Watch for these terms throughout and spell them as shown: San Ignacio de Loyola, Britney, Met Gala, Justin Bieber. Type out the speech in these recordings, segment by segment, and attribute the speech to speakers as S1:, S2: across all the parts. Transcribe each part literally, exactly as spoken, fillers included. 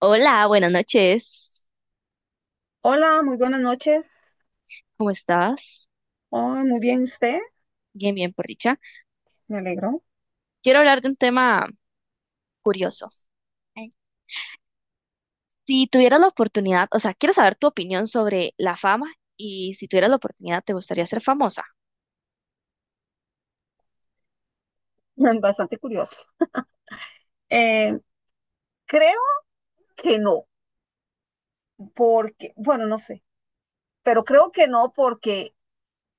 S1: Hola, buenas noches.
S2: Hola, muy buenas noches.
S1: ¿Cómo estás?
S2: Oh, muy bien usted,
S1: Bien, bien, por dicha.
S2: me alegro.
S1: Quiero hablar de un tema curioso. Ay. Si tuvieras la oportunidad, o sea, quiero saber tu opinión sobre la fama y si tuvieras la oportunidad, ¿te gustaría ser famosa?
S2: Bastante curioso. Eh, Creo que no, porque, bueno, no sé, pero creo que no porque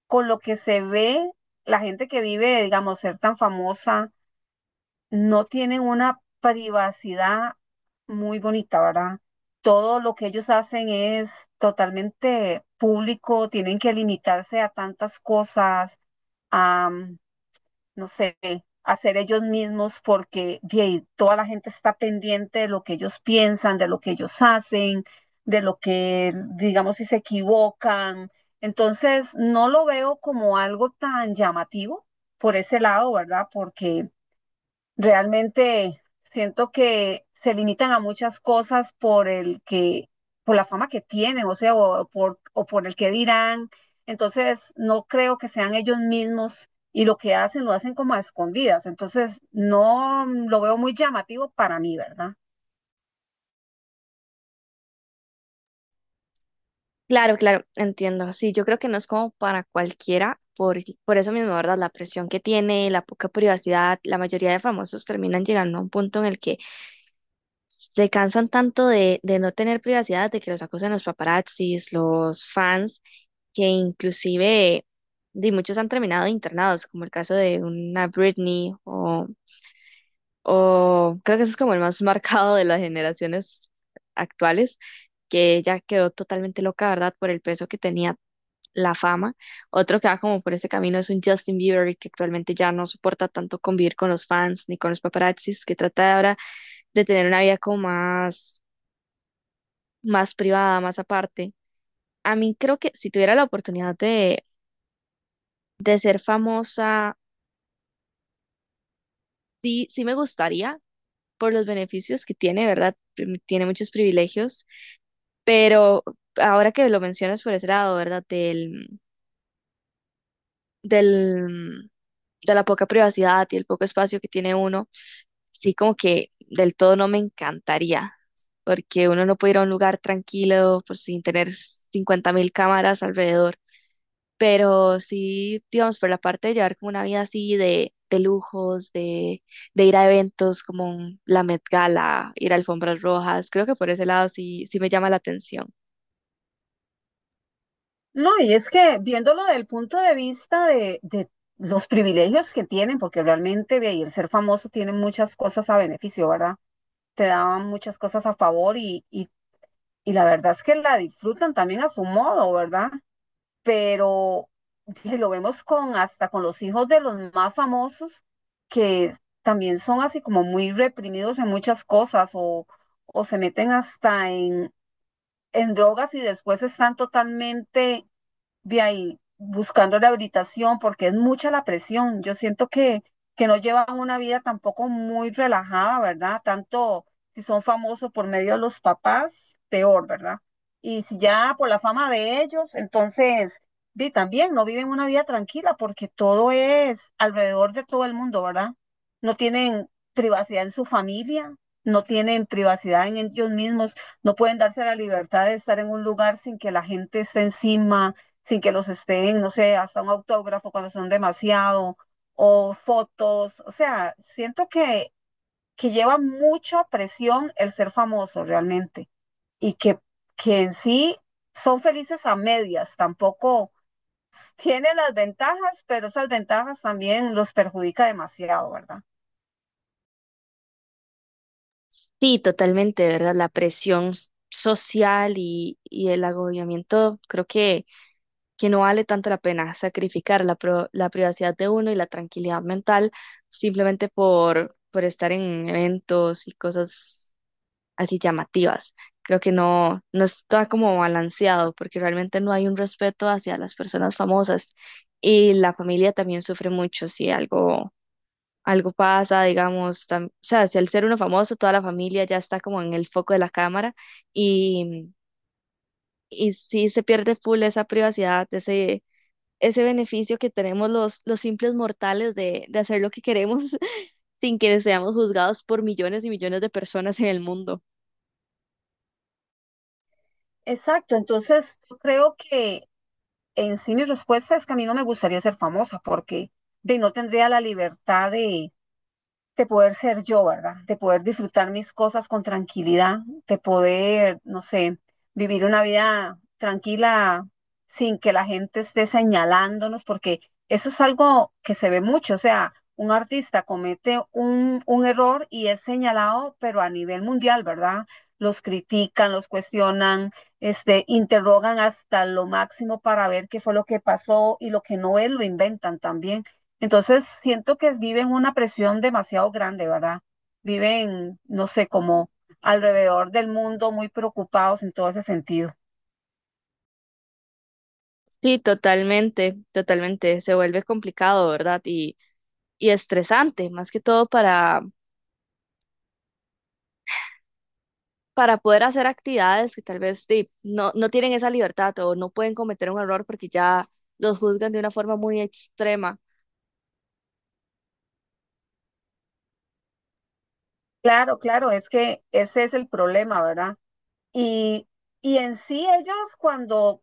S2: con lo que se ve, la gente que vive, digamos, ser tan famosa, no tienen una privacidad muy bonita, ¿verdad? Todo lo que ellos hacen es totalmente público, tienen que limitarse a tantas cosas. No sé, hacer ellos mismos porque bien, toda la gente está pendiente de lo que ellos piensan, de lo que ellos hacen, de lo que, digamos, si se equivocan. Entonces, no lo veo como algo tan llamativo por ese lado, ¿verdad? Porque realmente siento que se limitan a muchas cosas por el que, por la fama que tienen, o sea, o por, o por el que dirán. Entonces, no creo que sean ellos mismos y lo que hacen lo hacen como a escondidas. Entonces, no mm, lo veo muy llamativo para mí, ¿verdad?
S1: Claro, claro, entiendo. Sí, yo creo que no es como para cualquiera, por, por eso mismo, ¿verdad? La presión que tiene, la poca privacidad, la mayoría de famosos terminan llegando a un punto en el que se cansan tanto de, de no tener privacidad, de que los acosen los paparazzis, los fans que inclusive de muchos han terminado internados, como el caso de una Britney o, o creo que ese es como el más marcado de las generaciones actuales, que ya quedó totalmente loca, ¿verdad? Por el peso que tenía la fama. Otro que va como por ese camino es un Justin Bieber que actualmente ya no soporta tanto convivir con los fans ni con los paparazzis, que trata de ahora de tener una vida como más, más privada, más aparte. A mí creo que si tuviera la oportunidad de, de ser famosa, sí, sí me gustaría por los beneficios que tiene, ¿verdad? Prim- Tiene muchos privilegios, pero ahora que lo mencionas por ese lado, ¿verdad? Del, del, de la poca privacidad y el poco espacio que tiene uno, sí como que del todo no me encantaría, porque uno no puede ir a un lugar tranquilo por sin tener cincuenta mil cámaras alrededor. Pero sí, digamos, por la parte de llevar como una vida así de, de lujos, de, de ir a eventos como un- la Met Gala, ir a alfombras rojas, creo que por ese lado sí, sí me llama la atención.
S2: No, y es que viéndolo del punto de vista de, de los privilegios que tienen, porque realmente ve, y el ser famoso tiene muchas cosas a beneficio, ¿verdad? Te daban muchas cosas a favor y, y y la verdad es que la disfrutan también a su modo, ¿verdad? Pero que lo vemos con hasta con los hijos de los más famosos que también son así como muy reprimidos en muchas cosas o, o se meten hasta en, en drogas y después están totalmente de ahí buscando rehabilitación porque es mucha la presión. Yo siento que, que no llevan una vida tampoco muy relajada, ¿verdad? Tanto si son famosos por medio de los papás, peor, ¿verdad? Y si ya por la fama de ellos, entonces vi también no viven una vida tranquila porque todo es alrededor de todo el mundo, ¿verdad? No tienen privacidad en su familia, no tienen privacidad en ellos mismos, no pueden darse la libertad de estar en un lugar sin que la gente esté encima sin que los estén, no sé, hasta un autógrafo cuando son demasiado, o fotos, o sea, siento que, que lleva mucha presión el ser famoso realmente y que, que en sí son felices a medias, tampoco tiene las ventajas, pero esas ventajas también los perjudica demasiado, ¿verdad?
S1: Sí, totalmente, ¿verdad? La presión s- social y, y el agobiamiento, creo que que no vale tanto la pena sacrificar la, pro- la privacidad de uno y la tranquilidad mental simplemente por, por estar en eventos y cosas así llamativas. Creo que no, no está como balanceado porque realmente no hay un respeto hacia las personas famosas y la familia también sufre mucho si algo, algo pasa, digamos, tam- o sea, si al ser uno famoso, toda la familia ya está como en el foco de la cámara y y sí se pierde full esa privacidad, ese, ese beneficio que tenemos los, los simples mortales de, de hacer lo que queremos sin que seamos juzgados por millones y millones de personas en el mundo.
S2: Exacto, entonces yo creo que en sí mi respuesta es que a mí no me gustaría ser famosa porque de, no tendría la libertad de, de poder ser yo, ¿verdad? De poder disfrutar mis cosas con tranquilidad, de poder, no sé, vivir una vida tranquila sin que la gente esté señalándonos, porque eso es algo que se ve mucho, o sea, un artista comete un, un error y es señalado, pero a nivel mundial, ¿verdad? Los critican, los cuestionan, este, interrogan hasta lo máximo para ver qué fue lo que pasó y lo que no es, lo inventan también. Entonces siento que viven una presión demasiado grande, ¿verdad? Viven, no sé, como alrededor del mundo muy preocupados en todo ese sentido.
S1: Sí, totalmente, totalmente. Se vuelve complicado, ¿verdad? Y, y estresante, más que todo para, para poder hacer actividades que tal vez sí, no, no tienen esa libertad o no pueden cometer un error porque ya los juzgan de una forma muy extrema.
S2: Claro, claro, es que ese es el problema, ¿verdad? Y, y en sí ellos cuando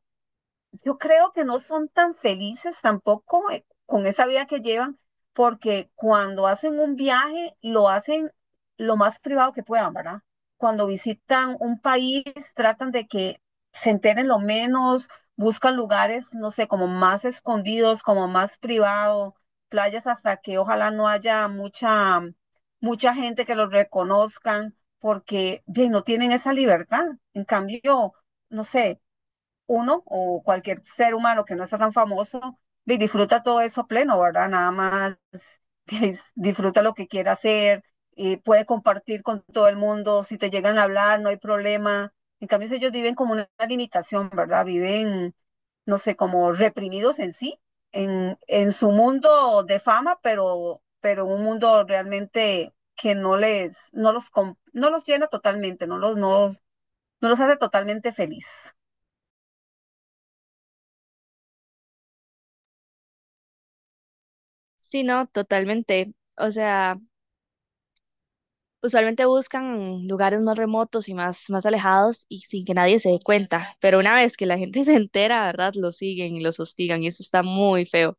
S2: yo creo que no son tan felices tampoco eh, con esa vida que llevan, porque cuando hacen un viaje lo hacen lo más privado que puedan, ¿verdad? Cuando visitan un país, tratan de que se enteren lo menos, buscan lugares, no sé, como más escondidos, como más privado, playas hasta que ojalá no haya mucha, mucha gente que los reconozcan, porque bien, no tienen esa libertad. En cambio, no sé, uno o cualquier ser humano que no está tan famoso, y disfruta todo eso pleno, ¿verdad? Nada más es, disfruta lo que quiera hacer, y puede compartir con todo el mundo, si te llegan a hablar, no hay problema. En cambio, si ellos viven como una limitación, ¿verdad? Viven, no sé, como reprimidos en sí, en, en su mundo de fama, pero, pero un mundo realmente que no les, no los, com- no los llena totalmente, no los, no, no los hace totalmente feliz.
S1: Sí, no, totalmente. O sea, usualmente buscan lugares más remotos y más, más alejados y sin que nadie se dé cuenta, pero una vez que la gente se entera, ¿verdad? Los siguen y los hostigan y eso está muy feo.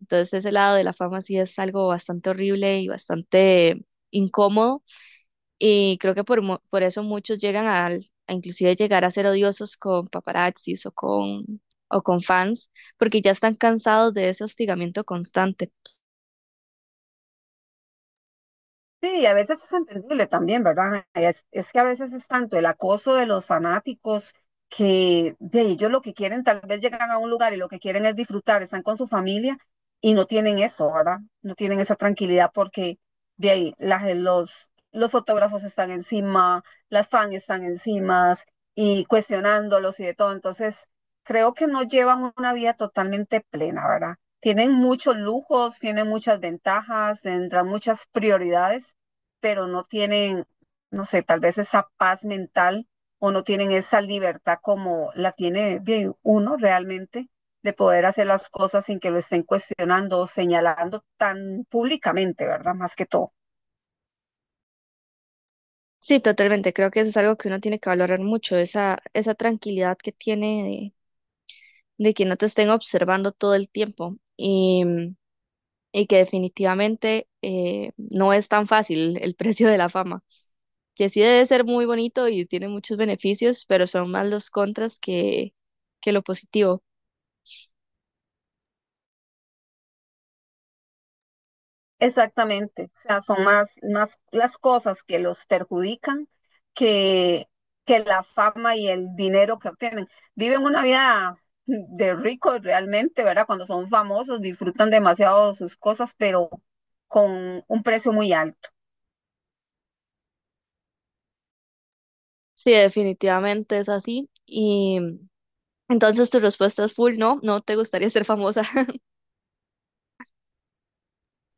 S1: Entonces ese lado de la fama sí es algo bastante horrible y bastante incómodo y creo que por, mu- por eso muchos llegan al, a inclusive llegar a ser odiosos con paparazzis o con, o con fans, porque ya están cansados de ese hostigamiento constante.
S2: Sí, a veces es entendible también, ¿verdad? Es, es que a veces es tanto el acoso de los fanáticos que de ellos lo que quieren, tal vez llegan a un lugar y lo que quieren es disfrutar, están con su familia y no tienen eso, ¿verdad? No tienen esa tranquilidad porque de ahí la gen- los, los fotógrafos están encima, las fans están encima y cuestionándolos y de todo. Entonces, creo que no llevan una vida totalmente plena, ¿verdad? Tienen muchos lujos, tienen muchas ventajas, tendrán muchas prioridades pero no tienen, no sé, tal vez esa paz mental o no tienen esa libertad como la tiene bien uno realmente de poder hacer las cosas sin que lo estén cuestionando o señalando tan públicamente, ¿verdad? Más que todo.
S1: Sí, totalmente. Creo que eso es algo que uno tiene que valorar mucho, esa, esa tranquilidad que tiene de, de que no te estén observando todo el tiempo y, y que definitivamente eh, no es tan fácil el precio de la fama, que sí debe ser muy bonito y tiene muchos beneficios, pero son más los contras que, que lo positivo.
S2: Exactamente, o sea, son más, más las cosas que los perjudican que, que la fama y el dinero que obtienen. Viven una vida de ricos realmente, ¿verdad? Cuando son famosos, disfrutan demasiado de sus cosas, pero con un precio muy alto.
S1: Sí, definitivamente es así. Y entonces tu respuesta es full, no, no te gustaría ser famosa.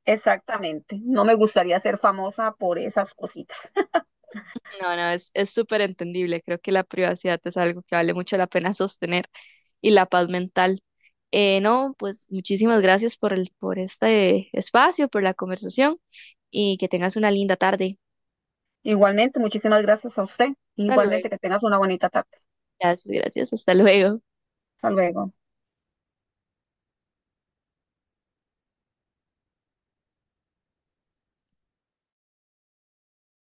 S2: Exactamente, no me gustaría ser famosa por esas cositas.
S1: No, no, es, es súper entendible. Creo que la privacidad es algo que vale mucho la pena sostener y la paz mental. Eh, no, pues muchísimas gracias por el, por este espacio, por la conversación y que tengas una linda tarde.
S2: Igualmente, muchísimas gracias a usted.
S1: Hasta luego.
S2: Igualmente, que tengas una bonita tarde.
S1: Gracias, gracias. Hasta luego.
S2: Hasta luego.